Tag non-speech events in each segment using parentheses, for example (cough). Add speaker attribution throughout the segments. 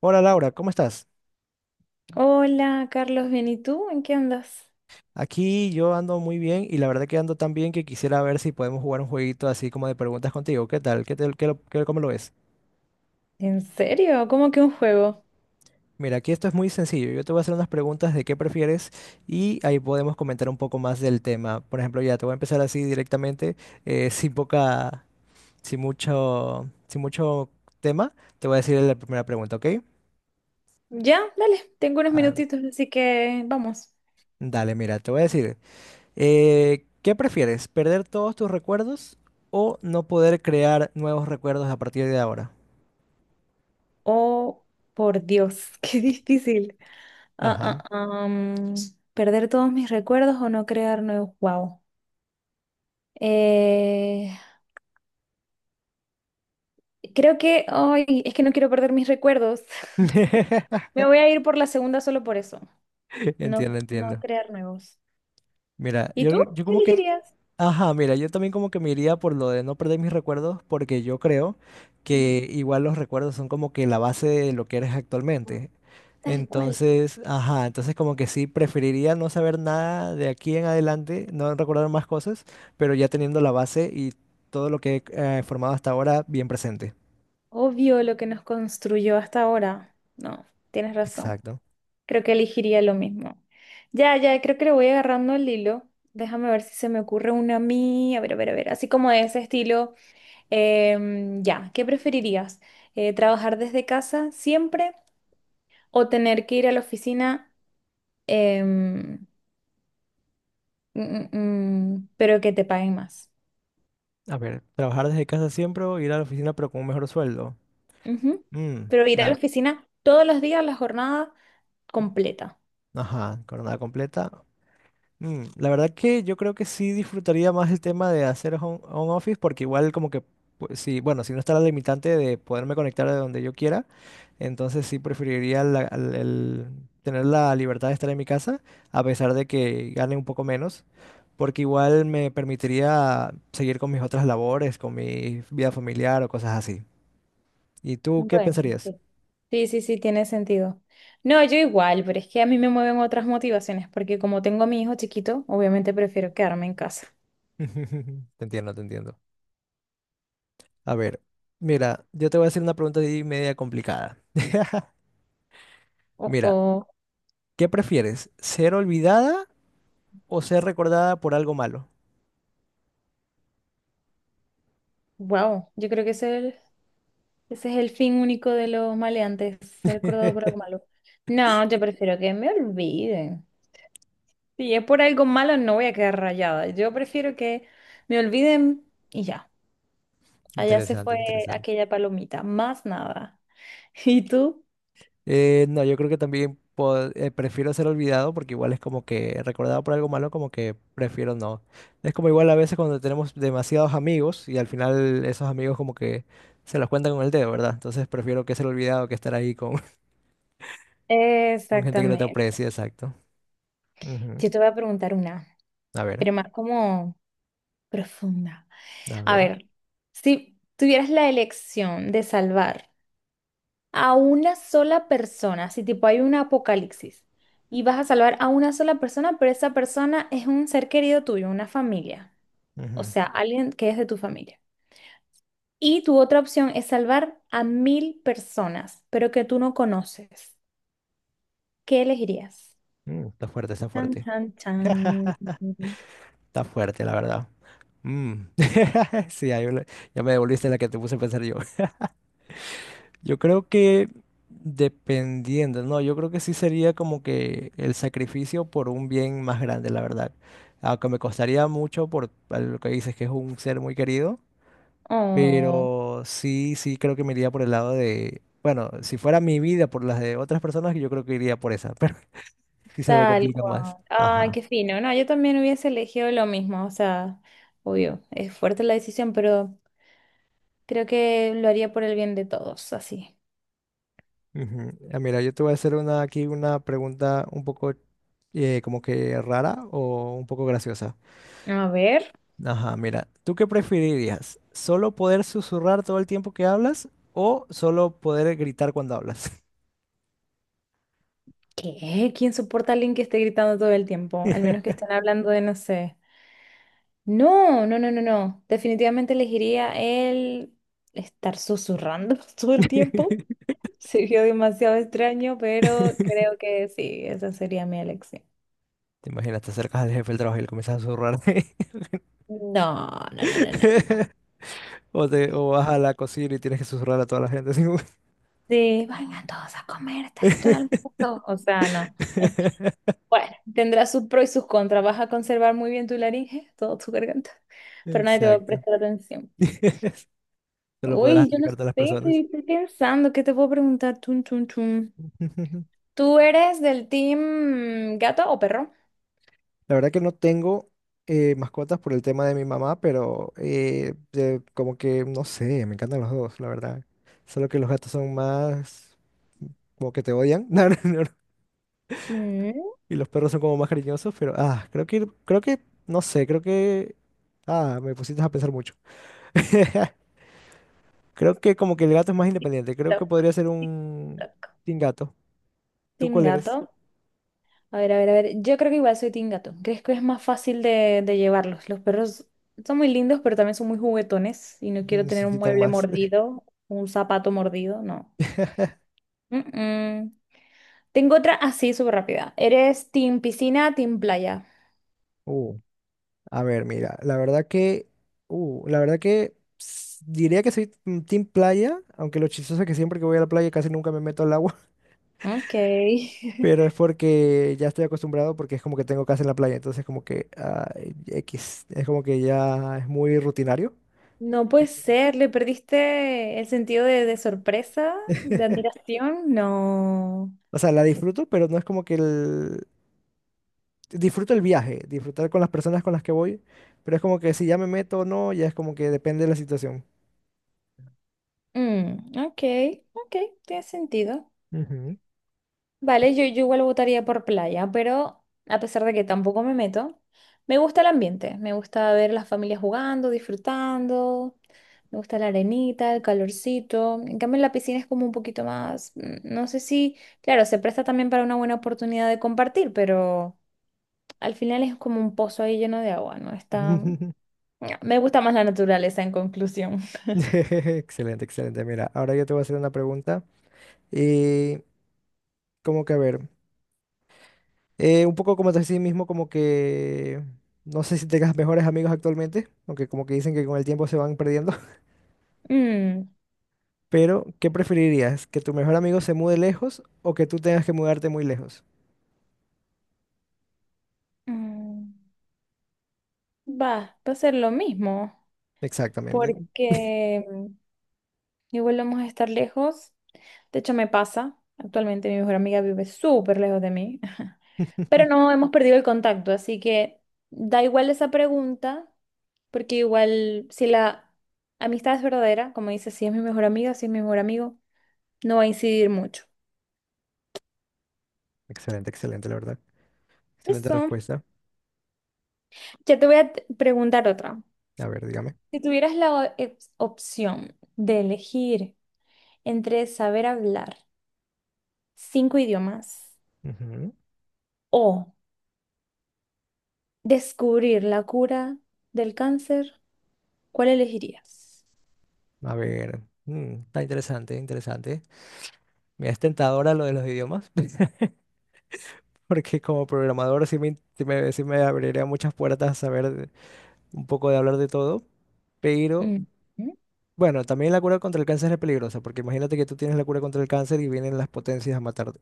Speaker 1: Hola Laura, ¿cómo estás?
Speaker 2: Hola, Carlos, bien, ¿y tú? ¿En qué andas?
Speaker 1: Aquí yo ando muy bien y la verdad que ando tan bien que quisiera ver si podemos jugar un jueguito así como de preguntas contigo. ¿Qué tal? ¿Qué tal? ¿Cómo lo ves?
Speaker 2: ¿En serio? ¿Cómo que un juego?
Speaker 1: Mira, aquí esto es muy sencillo. Yo te voy a hacer unas preguntas de qué prefieres y ahí podemos comentar un poco más del tema. Por ejemplo, ya te voy a empezar así directamente, sin poca, sin mucho tema. Te voy a decir la primera pregunta, ¿ok?
Speaker 2: Ya, dale, tengo unos
Speaker 1: Ah,
Speaker 2: minutitos, así que vamos.
Speaker 1: Dale, mira, te voy a decir. ¿Qué prefieres? ¿Perder todos tus recuerdos o no poder crear nuevos recuerdos a partir de ahora?
Speaker 2: Oh, por Dios, (laughs) qué difícil. Ah,
Speaker 1: Ajá.
Speaker 2: ah, am, perder todos mis recuerdos o no crear nuevos. Wow. Eh, creo que, ay, es que no quiero perder mis recuerdos. (laughs)
Speaker 1: (laughs)
Speaker 2: Me voy a ir por la segunda solo por eso. No,
Speaker 1: Entiendo,
Speaker 2: no
Speaker 1: entiendo.
Speaker 2: crear nuevos.
Speaker 1: Mira,
Speaker 2: ¿Y tú?
Speaker 1: yo
Speaker 2: ¿Qué
Speaker 1: como que
Speaker 2: elegirías?
Speaker 1: ajá, mira, yo también como que me iría por lo de no perder mis recuerdos, porque yo creo que igual los recuerdos son como que la base de lo que eres actualmente.
Speaker 2: Tal cual.
Speaker 1: Entonces, ajá, entonces como que sí, preferiría no saber nada de aquí en adelante, no recordar más cosas, pero ya teniendo la base y todo lo que he formado hasta ahora bien presente.
Speaker 2: Obvio lo que nos construyó hasta ahora. No, tienes razón.
Speaker 1: Exacto.
Speaker 2: Creo que elegiría lo mismo. Ya, ya, creo que le voy agarrando el hilo. Déjame ver si se me ocurre una a mí. A ver, a ver, a ver. Así como de ese estilo. Ya, ¿qué preferirías? ¿Trabajar desde casa siempre o tener que ir a la oficina, em, mm, mm, pero que te paguen más?
Speaker 1: A ver, trabajar desde casa siempre o ir a la oficina pero con un mejor sueldo.
Speaker 2: Ujú.
Speaker 1: Mm,
Speaker 2: Pero ir a la
Speaker 1: la-
Speaker 2: oficina todos los días, la jornada completa.
Speaker 1: ajá, jornada completa. Mm, la verdad que yo creo que sí disfrutaría más el tema de hacer home office, porque igual como que pues, sí, bueno, si no está la limitante de poderme conectar de donde yo quiera, entonces sí preferiría el tener la libertad de estar en mi casa a pesar de que gane un poco menos, porque igual me permitiría seguir con mis otras labores, con mi vida familiar o cosas así. ¿Y tú qué
Speaker 2: Bueno,
Speaker 1: pensarías?
Speaker 2: sí. Sí, sí, sí, tiene sentido. No, yo igual, pero es que a mí me mueven otras motivaciones, porque como tengo a mi hijo chiquito, obviamente prefiero quedarme en casa.
Speaker 1: (laughs) Te entiendo, te entiendo. A ver, mira, yo te voy a hacer una pregunta ahí media complicada. (laughs)
Speaker 2: O,
Speaker 1: Mira,
Speaker 2: o,
Speaker 1: ¿qué prefieres? ¿Ser olvidada o ser recordada por algo malo?
Speaker 2: wow, yo creo que ese es el fin único de los maleantes, ser recordado por algo
Speaker 1: (laughs)
Speaker 2: malo. No, yo prefiero que me olviden. Si es por algo malo, no voy a quedar rayada. Yo prefiero que me olviden y ya. Allá se
Speaker 1: Interesante,
Speaker 2: fue
Speaker 1: interesante.
Speaker 2: aquella palomita, más nada. (laughs) ¿Y tú?
Speaker 1: No, yo creo que también prefiero ser olvidado, porque igual es como que recordado por algo malo, como que prefiero no. Es como igual a veces cuando tenemos demasiados amigos y al final esos amigos como que se los cuentan con el dedo, ¿verdad? Entonces prefiero que ser olvidado que estar ahí con, (laughs) con gente que no te
Speaker 2: Exactamente.
Speaker 1: aprecia, exacto. Ujú.
Speaker 2: Yo te voy a preguntar una,
Speaker 1: A ver,
Speaker 2: pero más como profunda.
Speaker 1: a
Speaker 2: A
Speaker 1: ver.
Speaker 2: ver, si tuvieras la elección de salvar a una sola persona, si tipo hay un apocalipsis y vas a salvar a una sola persona, pero esa persona es un ser querido tuyo, una familia, o
Speaker 1: Ujú.
Speaker 2: sea, alguien que es de tu familia. Y tu otra opción es salvar a mil personas, pero que tú no conoces. ¿Qué elegirías?
Speaker 1: Mm, está fuerte, está
Speaker 2: Chan,
Speaker 1: fuerte.
Speaker 2: chan,
Speaker 1: (laughs)
Speaker 2: chan.
Speaker 1: Está fuerte, la verdad. Mm. (laughs) Sí, ya me devolviste la que te puse a pensar yo. (laughs) Yo creo que dependiendo, no, yo creo que sí sería como que el sacrificio por un bien más grande, la verdad. Aunque me costaría mucho por lo que dices que es un ser muy querido,
Speaker 2: Oh.
Speaker 1: pero sí, sí creo que me iría por el lado de, bueno, si fuera mi vida por las de otras personas, yo creo que iría por esa, (laughs) pero sí se me
Speaker 2: Tal
Speaker 1: complica más.
Speaker 2: cual. Ay,
Speaker 1: Ajá.
Speaker 2: qué fino. No, yo también hubiese elegido lo mismo. O sea, obvio, es fuerte la decisión, pero creo que lo haría por el bien de todos, así.
Speaker 1: Ujú. Ah, mira, yo te voy a hacer una, aquí una pregunta un poco como que rara o un poco graciosa.
Speaker 2: A ver,
Speaker 1: Ajá, mira, ¿tú qué preferirías? ¿Solo poder susurrar todo el tiempo que hablas o solo poder gritar cuando hablas?
Speaker 2: ¿qué? ¿Quién soporta a alguien que esté gritando todo el tiempo? Al menos que estén hablando de, no sé. No, no, no, no, no. Definitivamente elegiría el estar susurrando (laughs) todo el tiempo.
Speaker 1: (laughs)
Speaker 2: Sería demasiado extraño, pero
Speaker 1: Te
Speaker 2: creo que sí, esa sería mi elección.
Speaker 1: imaginas, te acercas al jefe del trabajo y le comienzas a susurrar.
Speaker 2: No, no, no, no, no,
Speaker 1: (laughs) O vas a la cocina y tienes que susurrar a toda la gente, así como...
Speaker 2: de vengan todos a comer, está listo el almuerzo. O sea, no. (laughs)
Speaker 1: (laughs)
Speaker 2: Bueno, tendrá sus pros y sus contras. Vas a conservar muy bien tu laringe, toda tu garganta, pero nadie te va a
Speaker 1: Exacto.
Speaker 2: prestar atención.
Speaker 1: (laughs) Solo podrás
Speaker 2: Uy, yo no sé,
Speaker 1: acercarte a las personas.
Speaker 2: estoy pensando, ¿qué te puedo preguntar? Tun, tun, tun.
Speaker 1: (laughs)
Speaker 2: ¿Tú eres del team gato o perro?
Speaker 1: La verdad que no tengo mascotas por el tema de mi mamá, pero como que no sé, me encantan los dos, la verdad. Solo que los gatos son más como que te odian. (laughs) No, no, no, no.
Speaker 2: Mm,
Speaker 1: Y los perros son como más cariñosos, pero ah, creo que no sé, creo que ah, me pusiste a pensar mucho. (laughs) Creo que como que el gato es más independiente. Creo que
Speaker 2: toc,
Speaker 1: podría ser
Speaker 2: tic,
Speaker 1: un
Speaker 2: toc.
Speaker 1: sin gato. ¿Tú
Speaker 2: Team
Speaker 1: cuál eres?
Speaker 2: gato. A ver, a ver, a ver. Yo creo que igual soy team gato. ¿Crees que es más fácil de llevarlos? Los perros son muy lindos, pero también son muy juguetones y no quiero tener un
Speaker 1: Necesitan
Speaker 2: mueble
Speaker 1: más.
Speaker 2: mordido, un zapato mordido, no.
Speaker 1: (laughs)
Speaker 2: Mm, mm. Tengo otra así súper rápida. ¿Eres team piscina, team playa?
Speaker 1: A ver, mira, la verdad que diría que soy mm, team playa, aunque lo chistoso es que siempre que voy a la playa casi nunca me meto al agua,
Speaker 2: Ok.
Speaker 1: (laughs) pero es
Speaker 2: (laughs)
Speaker 1: porque ya estoy acostumbrado porque es como que tengo casa en la playa, entonces como que ah, X, es como que ya es muy rutinario.
Speaker 2: No puede ser, le perdiste el sentido de sorpresa, de
Speaker 1: (laughs)
Speaker 2: admiración. No.
Speaker 1: O sea, la disfruto, pero no es como que el... Disfruto el viaje, disfrutar con las personas con las que voy, pero es como que si ya me meto o no, ya es como que depende de la situación.
Speaker 2: Ok, ok, tiene sentido.
Speaker 1: Ujú.
Speaker 2: Vale, yo igual votaría por playa, pero a pesar de que tampoco me meto, me gusta el ambiente, me gusta ver las familias jugando, disfrutando, me gusta la arenita, el calorcito. En cambio, en la piscina es como un poquito más, no sé si, claro, se presta también para una buena oportunidad de compartir, pero al final es como un pozo ahí lleno de agua, ¿no? Está,
Speaker 1: (laughs)
Speaker 2: (tsk) Me gusta más la naturaleza en conclusión. (laughs)
Speaker 1: Excelente, excelente. Mira, ahora yo te voy a hacer una pregunta. Y como que a ver, un poco como te decía mismo, como que no sé si tengas mejores amigos actualmente, aunque como que dicen que con el tiempo se van perdiendo, (laughs)
Speaker 2: Mm,
Speaker 1: pero ¿qué preferirías? ¿Que tu mejor amigo se mude lejos o que tú tengas que mudarte muy lejos?
Speaker 2: mm, va a ser lo mismo,
Speaker 1: Exactamente.
Speaker 2: porque... igual vamos a estar lejos. De hecho, me pasa. Actualmente mi mejor amiga vive súper lejos de mí. (laughs) Pero no
Speaker 1: (laughs)
Speaker 2: hemos perdido el contacto, así que da igual esa pregunta, porque igual si la amistad es verdadera, como dice, si es mi mejor amiga, si es mi mejor amigo, no va a incidir mucho.
Speaker 1: Excelente, excelente, la verdad. Excelente
Speaker 2: Eso.
Speaker 1: respuesta.
Speaker 2: Ya te voy a preguntar otra.
Speaker 1: A ver, dígame.
Speaker 2: Si tuvieras la opción de elegir entre saber hablar cinco idiomas
Speaker 1: Ujú.
Speaker 2: o descubrir la cura del cáncer, ¿cuál elegirías?
Speaker 1: A ver, mm, está interesante, interesante. Mira, es tentadora lo de los idiomas, (laughs) porque como programador sí sí me abriría muchas puertas a saber un poco de hablar de todo, pero
Speaker 2: Mm, mm.
Speaker 1: bueno, también la cura contra el cáncer es peligrosa, porque imagínate que tú tienes la cura contra el cáncer y vienen las potencias a matarte.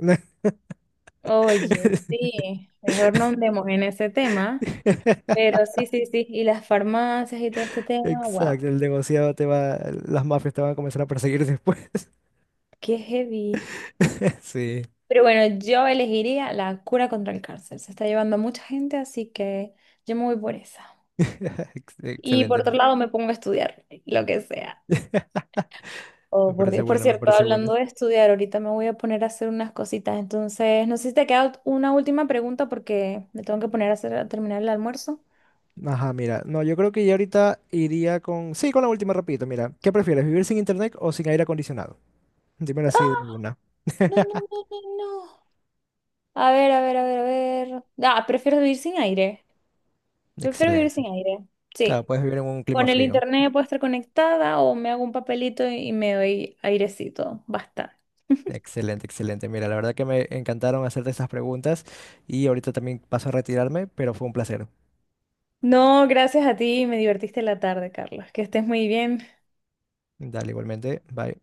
Speaker 2: Oye,
Speaker 1: (laughs)
Speaker 2: sí, mejor no andemos en ese tema, pero sí, sí, sí, y las farmacias y todo este tema, wow,
Speaker 1: Exacto, el negociado te va, las mafias te van a comenzar a perseguir después. (laughs)
Speaker 2: qué heavy.
Speaker 1: Sí,
Speaker 2: Pero bueno, yo elegiría la cura contra el cáncer, se está llevando a mucha gente, así que yo me voy por esa.
Speaker 1: (laughs) ex-
Speaker 2: Y por
Speaker 1: excelente.
Speaker 2: otro lado me pongo a estudiar, lo que sea.
Speaker 1: (laughs) Me
Speaker 2: Oh, por
Speaker 1: parece
Speaker 2: Dios. Por
Speaker 1: buena, me
Speaker 2: cierto,
Speaker 1: parece buena.
Speaker 2: hablando de estudiar, ahorita me voy a poner a hacer unas cositas. Entonces, no sé si te queda una última pregunta porque me tengo que poner a hacer, a terminar el almuerzo.
Speaker 1: Ajá, mira, no, yo creo que ya ahorita iría con, sí, con la última rapidito, mira, ¿qué prefieres, vivir sin internet o sin aire acondicionado? Dímelo así
Speaker 2: ¡Ah!
Speaker 1: de una.
Speaker 2: No, no, no, no, no. A ver, a ver, a ver, a ver. Ah, prefiero vivir sin aire. Prefiero vivir
Speaker 1: Excelente.
Speaker 2: sin aire.
Speaker 1: Claro,
Speaker 2: Sí.
Speaker 1: puedes vivir en un clima
Speaker 2: Con el
Speaker 1: frío.
Speaker 2: internet puedo estar conectada o me hago un papelito y me doy airecito. Basta. (laughs)
Speaker 1: Excelente, excelente. Mira, la verdad que me encantaron hacerte estas preguntas y ahorita también paso a retirarme, pero fue un placer.
Speaker 2: No, gracias a ti. Me divertiste la tarde, Carlos. Que estés muy bien.
Speaker 1: Dale, igualmente. Bye.